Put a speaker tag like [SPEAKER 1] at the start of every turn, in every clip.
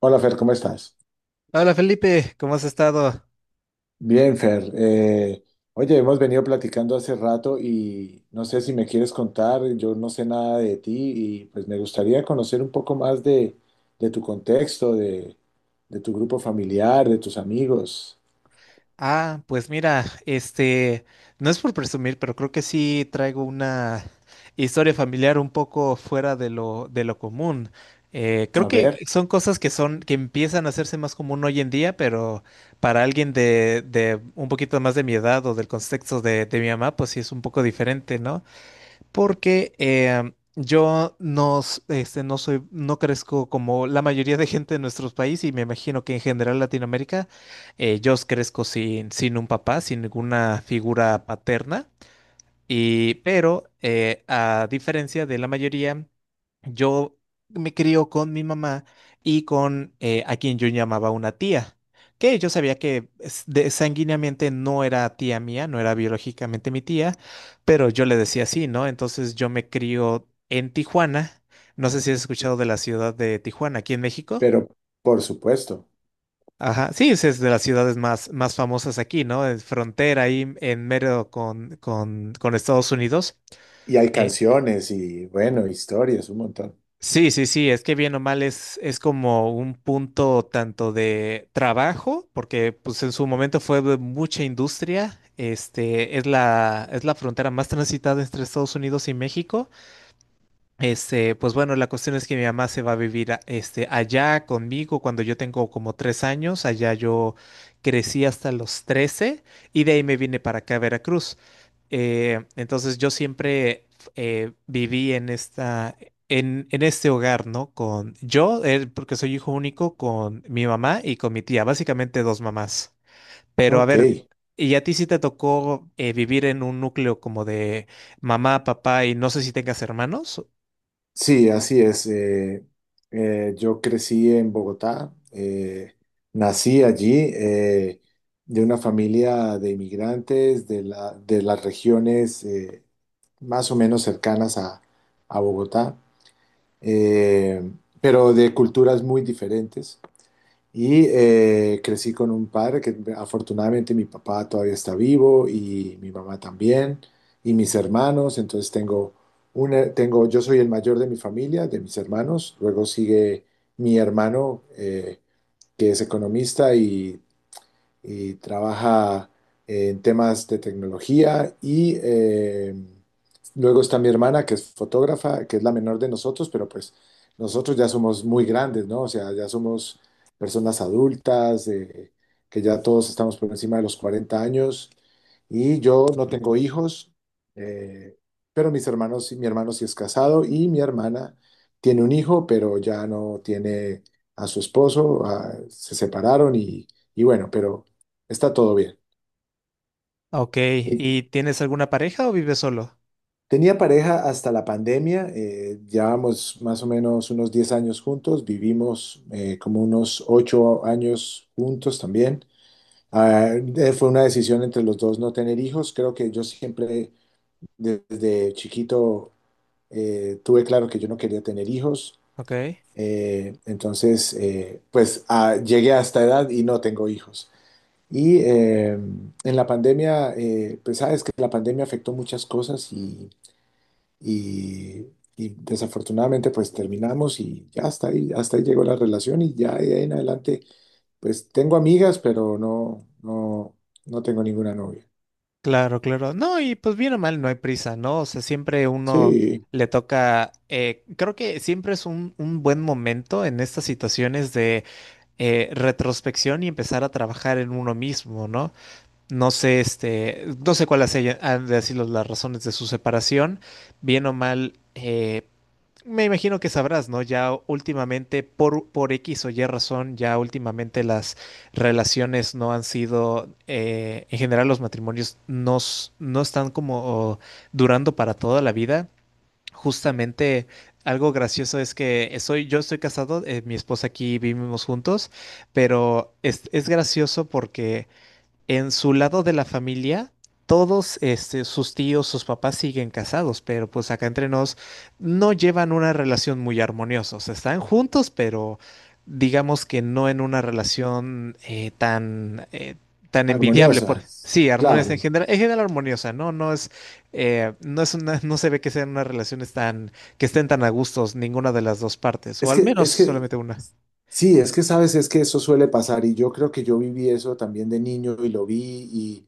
[SPEAKER 1] Hola Fer, ¿cómo estás?
[SPEAKER 2] Hola Felipe, ¿cómo has estado?
[SPEAKER 1] Bien, Fer. Oye, hemos venido platicando hace rato y no sé si me quieres contar, yo no sé nada de ti y pues me gustaría conocer un poco más de tu contexto, de tu grupo familiar, de tus amigos.
[SPEAKER 2] Ah, pues mira, no es por presumir, pero creo que sí traigo una historia familiar un poco fuera de lo común. Creo
[SPEAKER 1] A
[SPEAKER 2] que
[SPEAKER 1] ver,
[SPEAKER 2] son cosas que empiezan a hacerse más común hoy en día, pero para alguien de un poquito más de mi edad o del contexto de mi mamá, pues sí es un poco diferente, ¿no? Porque yo no, s- este, no soy, no crezco como la mayoría de gente de nuestros países y me imagino que en general Latinoamérica. Yo crezco sin un papá, sin ninguna figura paterna. Pero a diferencia de la mayoría, yo me crió con mi mamá y con a quien yo llamaba una tía, que yo sabía que es- de- sanguíneamente no era tía mía, no era biológicamente mi tía, pero yo le decía así, ¿no? Entonces yo me crío en Tijuana. No sé si has escuchado de la ciudad de Tijuana, aquí en México.
[SPEAKER 1] pero por supuesto.
[SPEAKER 2] Ajá, sí, es de las ciudades más famosas aquí, ¿no? Es frontera ahí en mero con Estados Unidos.
[SPEAKER 1] Y hay
[SPEAKER 2] eh,
[SPEAKER 1] canciones y bueno, historias, un montón.
[SPEAKER 2] Sí, sí, sí, es que bien o mal es como un punto tanto de trabajo, porque pues en su momento fue de mucha industria, es la frontera más transitada entre Estados Unidos y México. Pues bueno, la cuestión es que mi mamá se va a vivir allá conmigo cuando yo tengo como 3 años. Allá yo crecí hasta los 13 y de ahí me vine para acá a Veracruz. Entonces yo siempre viví en en este hogar, ¿no? Con yo, porque soy hijo único, con mi mamá y con mi tía, básicamente dos mamás. Pero a
[SPEAKER 1] Ok.
[SPEAKER 2] ver, ¿y a ti sí te tocó vivir en un núcleo como de mamá, papá y no sé si tengas hermanos?
[SPEAKER 1] Sí, así es. Yo crecí en Bogotá, nací allí de una familia de inmigrantes de de las regiones más o menos cercanas a Bogotá, eh, pero de culturas muy diferentes. Y crecí con un padre que afortunadamente mi papá todavía está vivo y mi mamá también y mis hermanos. Entonces tengo una, tengo, yo soy el mayor de mi familia, de mis hermanos. Luego sigue mi hermano que es economista y trabaja en temas de tecnología y luego está mi hermana que es fotógrafa, que es la menor de nosotros, pero pues nosotros ya somos muy grandes, ¿no? O sea, ya somos personas adultas, que ya todos estamos por encima de los 40 años y yo no tengo hijos, eh, pero mis hermanos, sí, mi hermano sí es casado y mi hermana tiene un hijo, pero ya no tiene a su esposo, se separaron y bueno, pero... Está todo bien.
[SPEAKER 2] Ok,
[SPEAKER 1] Y-
[SPEAKER 2] ¿y tienes alguna pareja o vives solo?
[SPEAKER 1] Tenía pareja hasta la pandemia, llevábamos más o menos unos 10 años juntos, vivimos como unos 8 años juntos también. Ah, fue una decisión entre los dos no tener hijos. Creo que yo siempre desde chiquito tuve claro que yo no quería tener hijos.
[SPEAKER 2] Ok,
[SPEAKER 1] Pues ah, llegué a esta edad y no tengo hijos. Y en la pandemia, pues sabes que la pandemia afectó muchas cosas y, y desafortunadamente pues terminamos y ya hasta ahí llegó la relación y ya de ahí en adelante pues tengo amigas, pero no tengo ninguna novia.
[SPEAKER 2] claro, claro. No, y pues bien o mal, no hay prisa, ¿no? O sea, siempre uno
[SPEAKER 1] Sí,
[SPEAKER 2] le toca, creo que siempre es un buen momento en estas situaciones de retrospección y empezar a trabajar en uno mismo, ¿no? No sé, no sé cuáles han de sido las razones de su separación. Bien o mal, me imagino que sabrás, ¿no? Ya últimamente, por X o Y razón, ya últimamente las relaciones no han sido, en general los matrimonios no están como durando para toda la vida. Justamente algo gracioso es que yo estoy casado, mi esposa aquí vivimos juntos, pero es gracioso porque en su lado de la familia, todos sus tíos, sus papás siguen casados, pero pues acá entre nos no llevan una relación muy armoniosa. O sea, están juntos, pero digamos que no en una relación tan envidiable.
[SPEAKER 1] armoniosas,
[SPEAKER 2] Sí, armoniosa
[SPEAKER 1] claro.
[SPEAKER 2] en general armoniosa, ¿no? No se ve que sean unas relaciones tan, que estén tan a gustos ninguna de las dos partes, o
[SPEAKER 1] Es
[SPEAKER 2] al
[SPEAKER 1] que,
[SPEAKER 2] menos
[SPEAKER 1] es que,
[SPEAKER 2] solamente una.
[SPEAKER 1] sí, es que sabes, es que eso suele pasar y yo creo que yo viví eso también de niño y lo vi.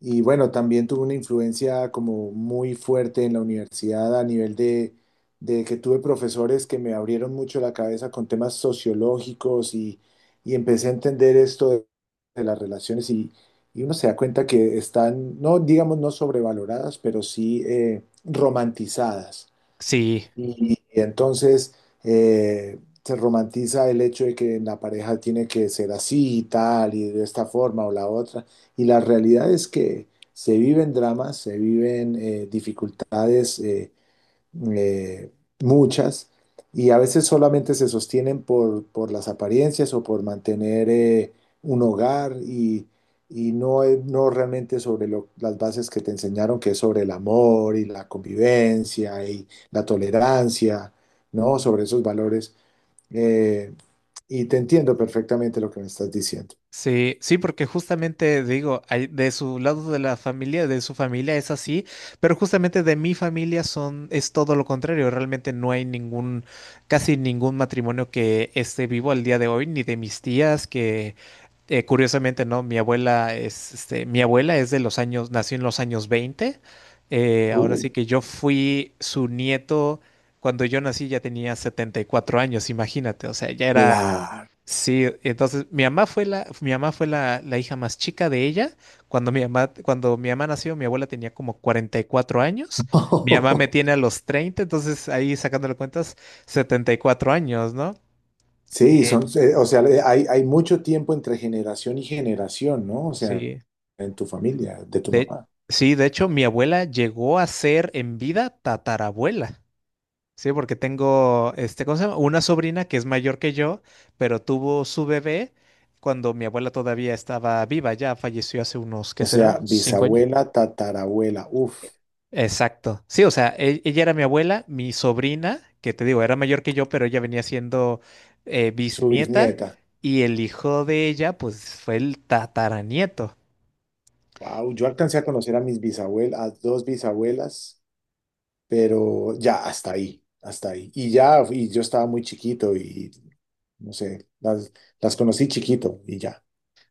[SPEAKER 1] Y bueno, también tuve una influencia como muy fuerte en la universidad a nivel de que tuve profesores que me abrieron mucho la cabeza con temas sociológicos y empecé a entender esto de las relaciones y uno se da cuenta que están, no digamos no sobrevaloradas, pero sí romantizadas.
[SPEAKER 2] Sí.
[SPEAKER 1] Y entonces se romantiza el hecho de que la pareja tiene que ser así y tal, y de esta forma o la otra. Y la realidad es que se viven dramas, se viven dificultades. Eh, Muchas, y a veces solamente se sostienen por las apariencias o por mantener un hogar y no, no realmente sobre las bases que te enseñaron, que es sobre el amor y la convivencia y la tolerancia, ¿no? Sobre esos valores. Eh, y te entiendo perfectamente lo que me estás diciendo.
[SPEAKER 2] Sí, sí, porque justamente digo, de su lado de la familia, de su familia es así, pero justamente de mi familia es todo lo contrario. Realmente no hay casi ningún matrimonio que esté vivo al día de hoy, ni de mis tías que curiosamente, ¿no? Mi abuela es de los años, nació en los años 20. Ahora
[SPEAKER 1] Uh,
[SPEAKER 2] sí que yo fui su nieto cuando yo nací ya tenía 74 años, imagínate, o sea, ya era.
[SPEAKER 1] claro.
[SPEAKER 2] Sí, entonces mi mamá fue la, mi mamá fue la, la hija más chica de ella. Cuando mi mamá nació, mi abuela tenía como 44 años. Mi mamá me tiene a los 30, entonces ahí sacándole cuentas, 74 años, ¿no?
[SPEAKER 1] Sí,
[SPEAKER 2] Eh,
[SPEAKER 1] son, o sea, hay, hay mucho tiempo entre generación y generación, ¿no? O sea,
[SPEAKER 2] sí.
[SPEAKER 1] en tu familia, de tu
[SPEAKER 2] De,
[SPEAKER 1] mamá.
[SPEAKER 2] sí, de hecho, mi abuela llegó a ser en vida tatarabuela. Sí, porque tengo, ¿cómo se llama? Una sobrina que es mayor que yo, pero tuvo su bebé cuando mi abuela todavía estaba viva, ya falleció hace unos,
[SPEAKER 1] O
[SPEAKER 2] ¿qué será?
[SPEAKER 1] sea,
[SPEAKER 2] 5 años.
[SPEAKER 1] bisabuela, tatarabuela, uff,
[SPEAKER 2] Exacto. Sí, o sea, ella era mi abuela, mi sobrina, que te digo, era mayor que yo, pero ella venía siendo
[SPEAKER 1] su
[SPEAKER 2] bisnieta
[SPEAKER 1] bisnieta.
[SPEAKER 2] y el hijo de ella, pues fue el tataranieto.
[SPEAKER 1] Wow, yo alcancé a conocer a mis bisabuelas, a dos bisabuelas, pero ya hasta ahí, hasta ahí. Y ya, y yo estaba muy chiquito y no sé, las conocí chiquito y ya,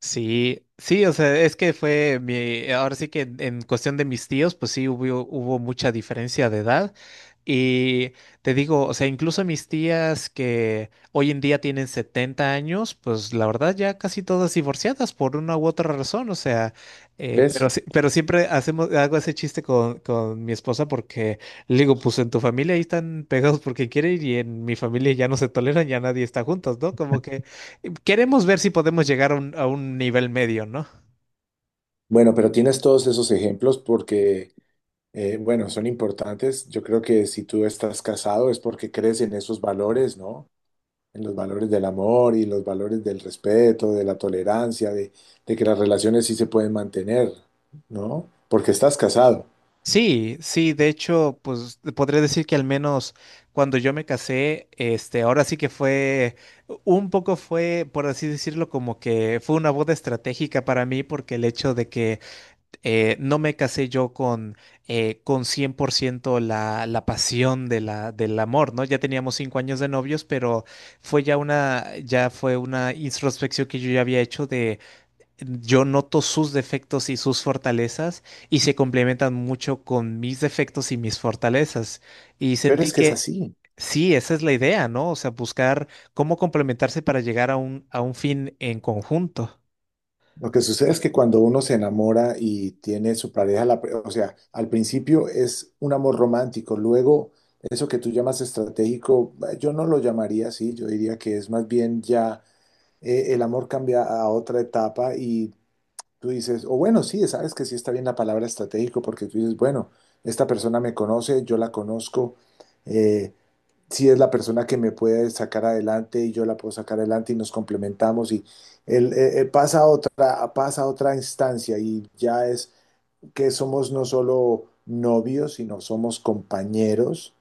[SPEAKER 2] Sí, sí, o sea, es que fue ahora sí que en cuestión de mis tíos, pues sí hubo mucha diferencia de edad. Y te digo, o sea, incluso mis tías que hoy en día tienen 70 años, pues la verdad ya casi todas divorciadas por una u otra razón, o sea,
[SPEAKER 1] ¿ves?
[SPEAKER 2] pero siempre hacemos, hago ese chiste con mi esposa porque le digo, pues en tu familia ahí están pegados porque quieren y en mi familia ya no se toleran, ya nadie está juntos, ¿no? Como que queremos ver si podemos llegar a a un nivel medio, ¿no?
[SPEAKER 1] Bueno, pero tienes todos esos ejemplos porque, bueno, son importantes. Yo creo que si tú estás casado es porque crees en esos valores, ¿no? En los valores del amor y los valores del respeto, de la tolerancia, de que las relaciones sí se pueden mantener, ¿no? Porque estás casado.
[SPEAKER 2] Sí, sí, de hecho, pues podré decir que al menos cuando yo me casé, ahora sí que un poco fue, por así decirlo, como que fue una boda estratégica para mí, porque el hecho de que no me casé yo con 100% la pasión de del amor, ¿no? Ya teníamos 5 años de novios, pero ya fue una introspección que yo ya había hecho de yo noto sus defectos y sus fortalezas y se complementan mucho con mis defectos y mis fortalezas. Y
[SPEAKER 1] Pero
[SPEAKER 2] sentí
[SPEAKER 1] es que es
[SPEAKER 2] que
[SPEAKER 1] así.
[SPEAKER 2] sí, esa es la idea, ¿no? O sea, buscar cómo complementarse para llegar a a un fin en conjunto.
[SPEAKER 1] Lo que sucede es que cuando uno se enamora y tiene su pareja, o sea, al principio es un amor romántico, luego eso que tú llamas estratégico, yo no lo llamaría así, yo diría que es más bien ya el amor cambia a otra etapa y tú dices, o bueno, sí, sabes que sí está bien la palabra estratégico porque tú dices, bueno, esta persona me conoce, yo la conozco, eh, si es la persona que me puede sacar adelante y yo la puedo sacar adelante y nos complementamos y él, pasa a otra instancia y ya es que somos no solo novios, sino somos compañeros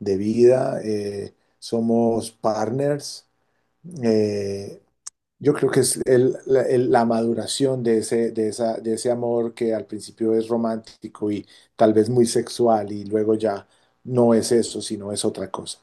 [SPEAKER 1] de vida, somos partners. eh, yo creo que es la maduración de ese, de esa, de ese amor que al principio es romántico y tal vez muy sexual y luego ya no es eso, sino es otra cosa.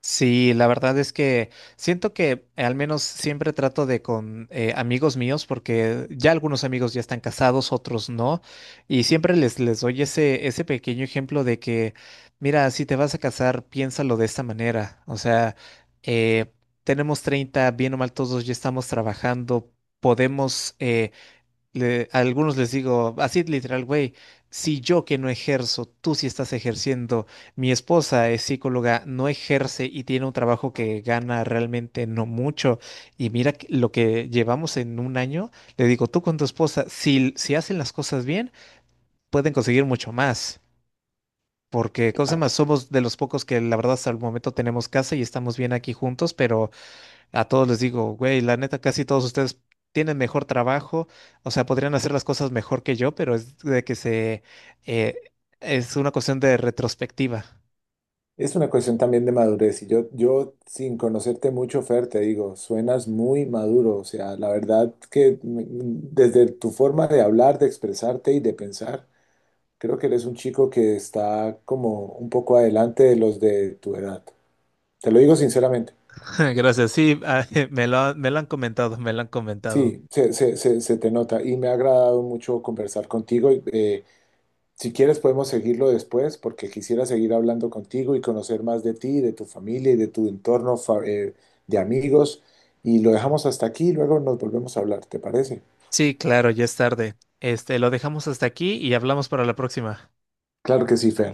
[SPEAKER 2] Sí, la verdad es que siento que al menos siempre trato de con amigos míos, porque ya algunos amigos ya están casados, otros no, y siempre les, les doy ese, ese pequeño ejemplo de que, mira, si te vas a casar, piénsalo de esta manera. O sea, eh, tenemos 30 bien o mal todos ya estamos trabajando, podemos a algunos les digo así literal, güey, si yo que no ejerzo, tú sí estás ejerciendo, mi esposa es psicóloga, no ejerce y tiene un trabajo que gana realmente no mucho, y mira lo que llevamos en un año, le digo, tú con tu esposa, si hacen las cosas bien, pueden conseguir mucho más. Porque, cosa más, somos de los pocos que la verdad hasta el momento tenemos casa y estamos bien aquí juntos, pero a todos les digo, güey, la neta, casi todos ustedes tienen mejor trabajo, o sea, podrían hacer las cosas mejor que yo, pero es de que eh, es una cuestión de retrospectiva.
[SPEAKER 1] Es una cuestión también de madurez y yo sin conocerte mucho, Fer, te digo, suenas muy maduro, o sea, la verdad que desde tu forma de hablar, de expresarte y de pensar, creo que eres un chico que está como un poco adelante de los de tu edad. Te lo digo sinceramente.
[SPEAKER 2] Gracias, sí, ah, me lo han comentado, me lo han comentado.
[SPEAKER 1] Sí, se te nota y me ha agradado mucho conversar contigo. Si quieres podemos seguirlo después porque quisiera seguir hablando contigo y conocer más de ti, de tu familia y de tu entorno de amigos. Y lo dejamos hasta aquí y luego nos volvemos a hablar, ¿te parece?
[SPEAKER 2] Sí, claro, ya es tarde. Lo dejamos hasta aquí y hablamos para la próxima.
[SPEAKER 1] Claro que sí, Fer.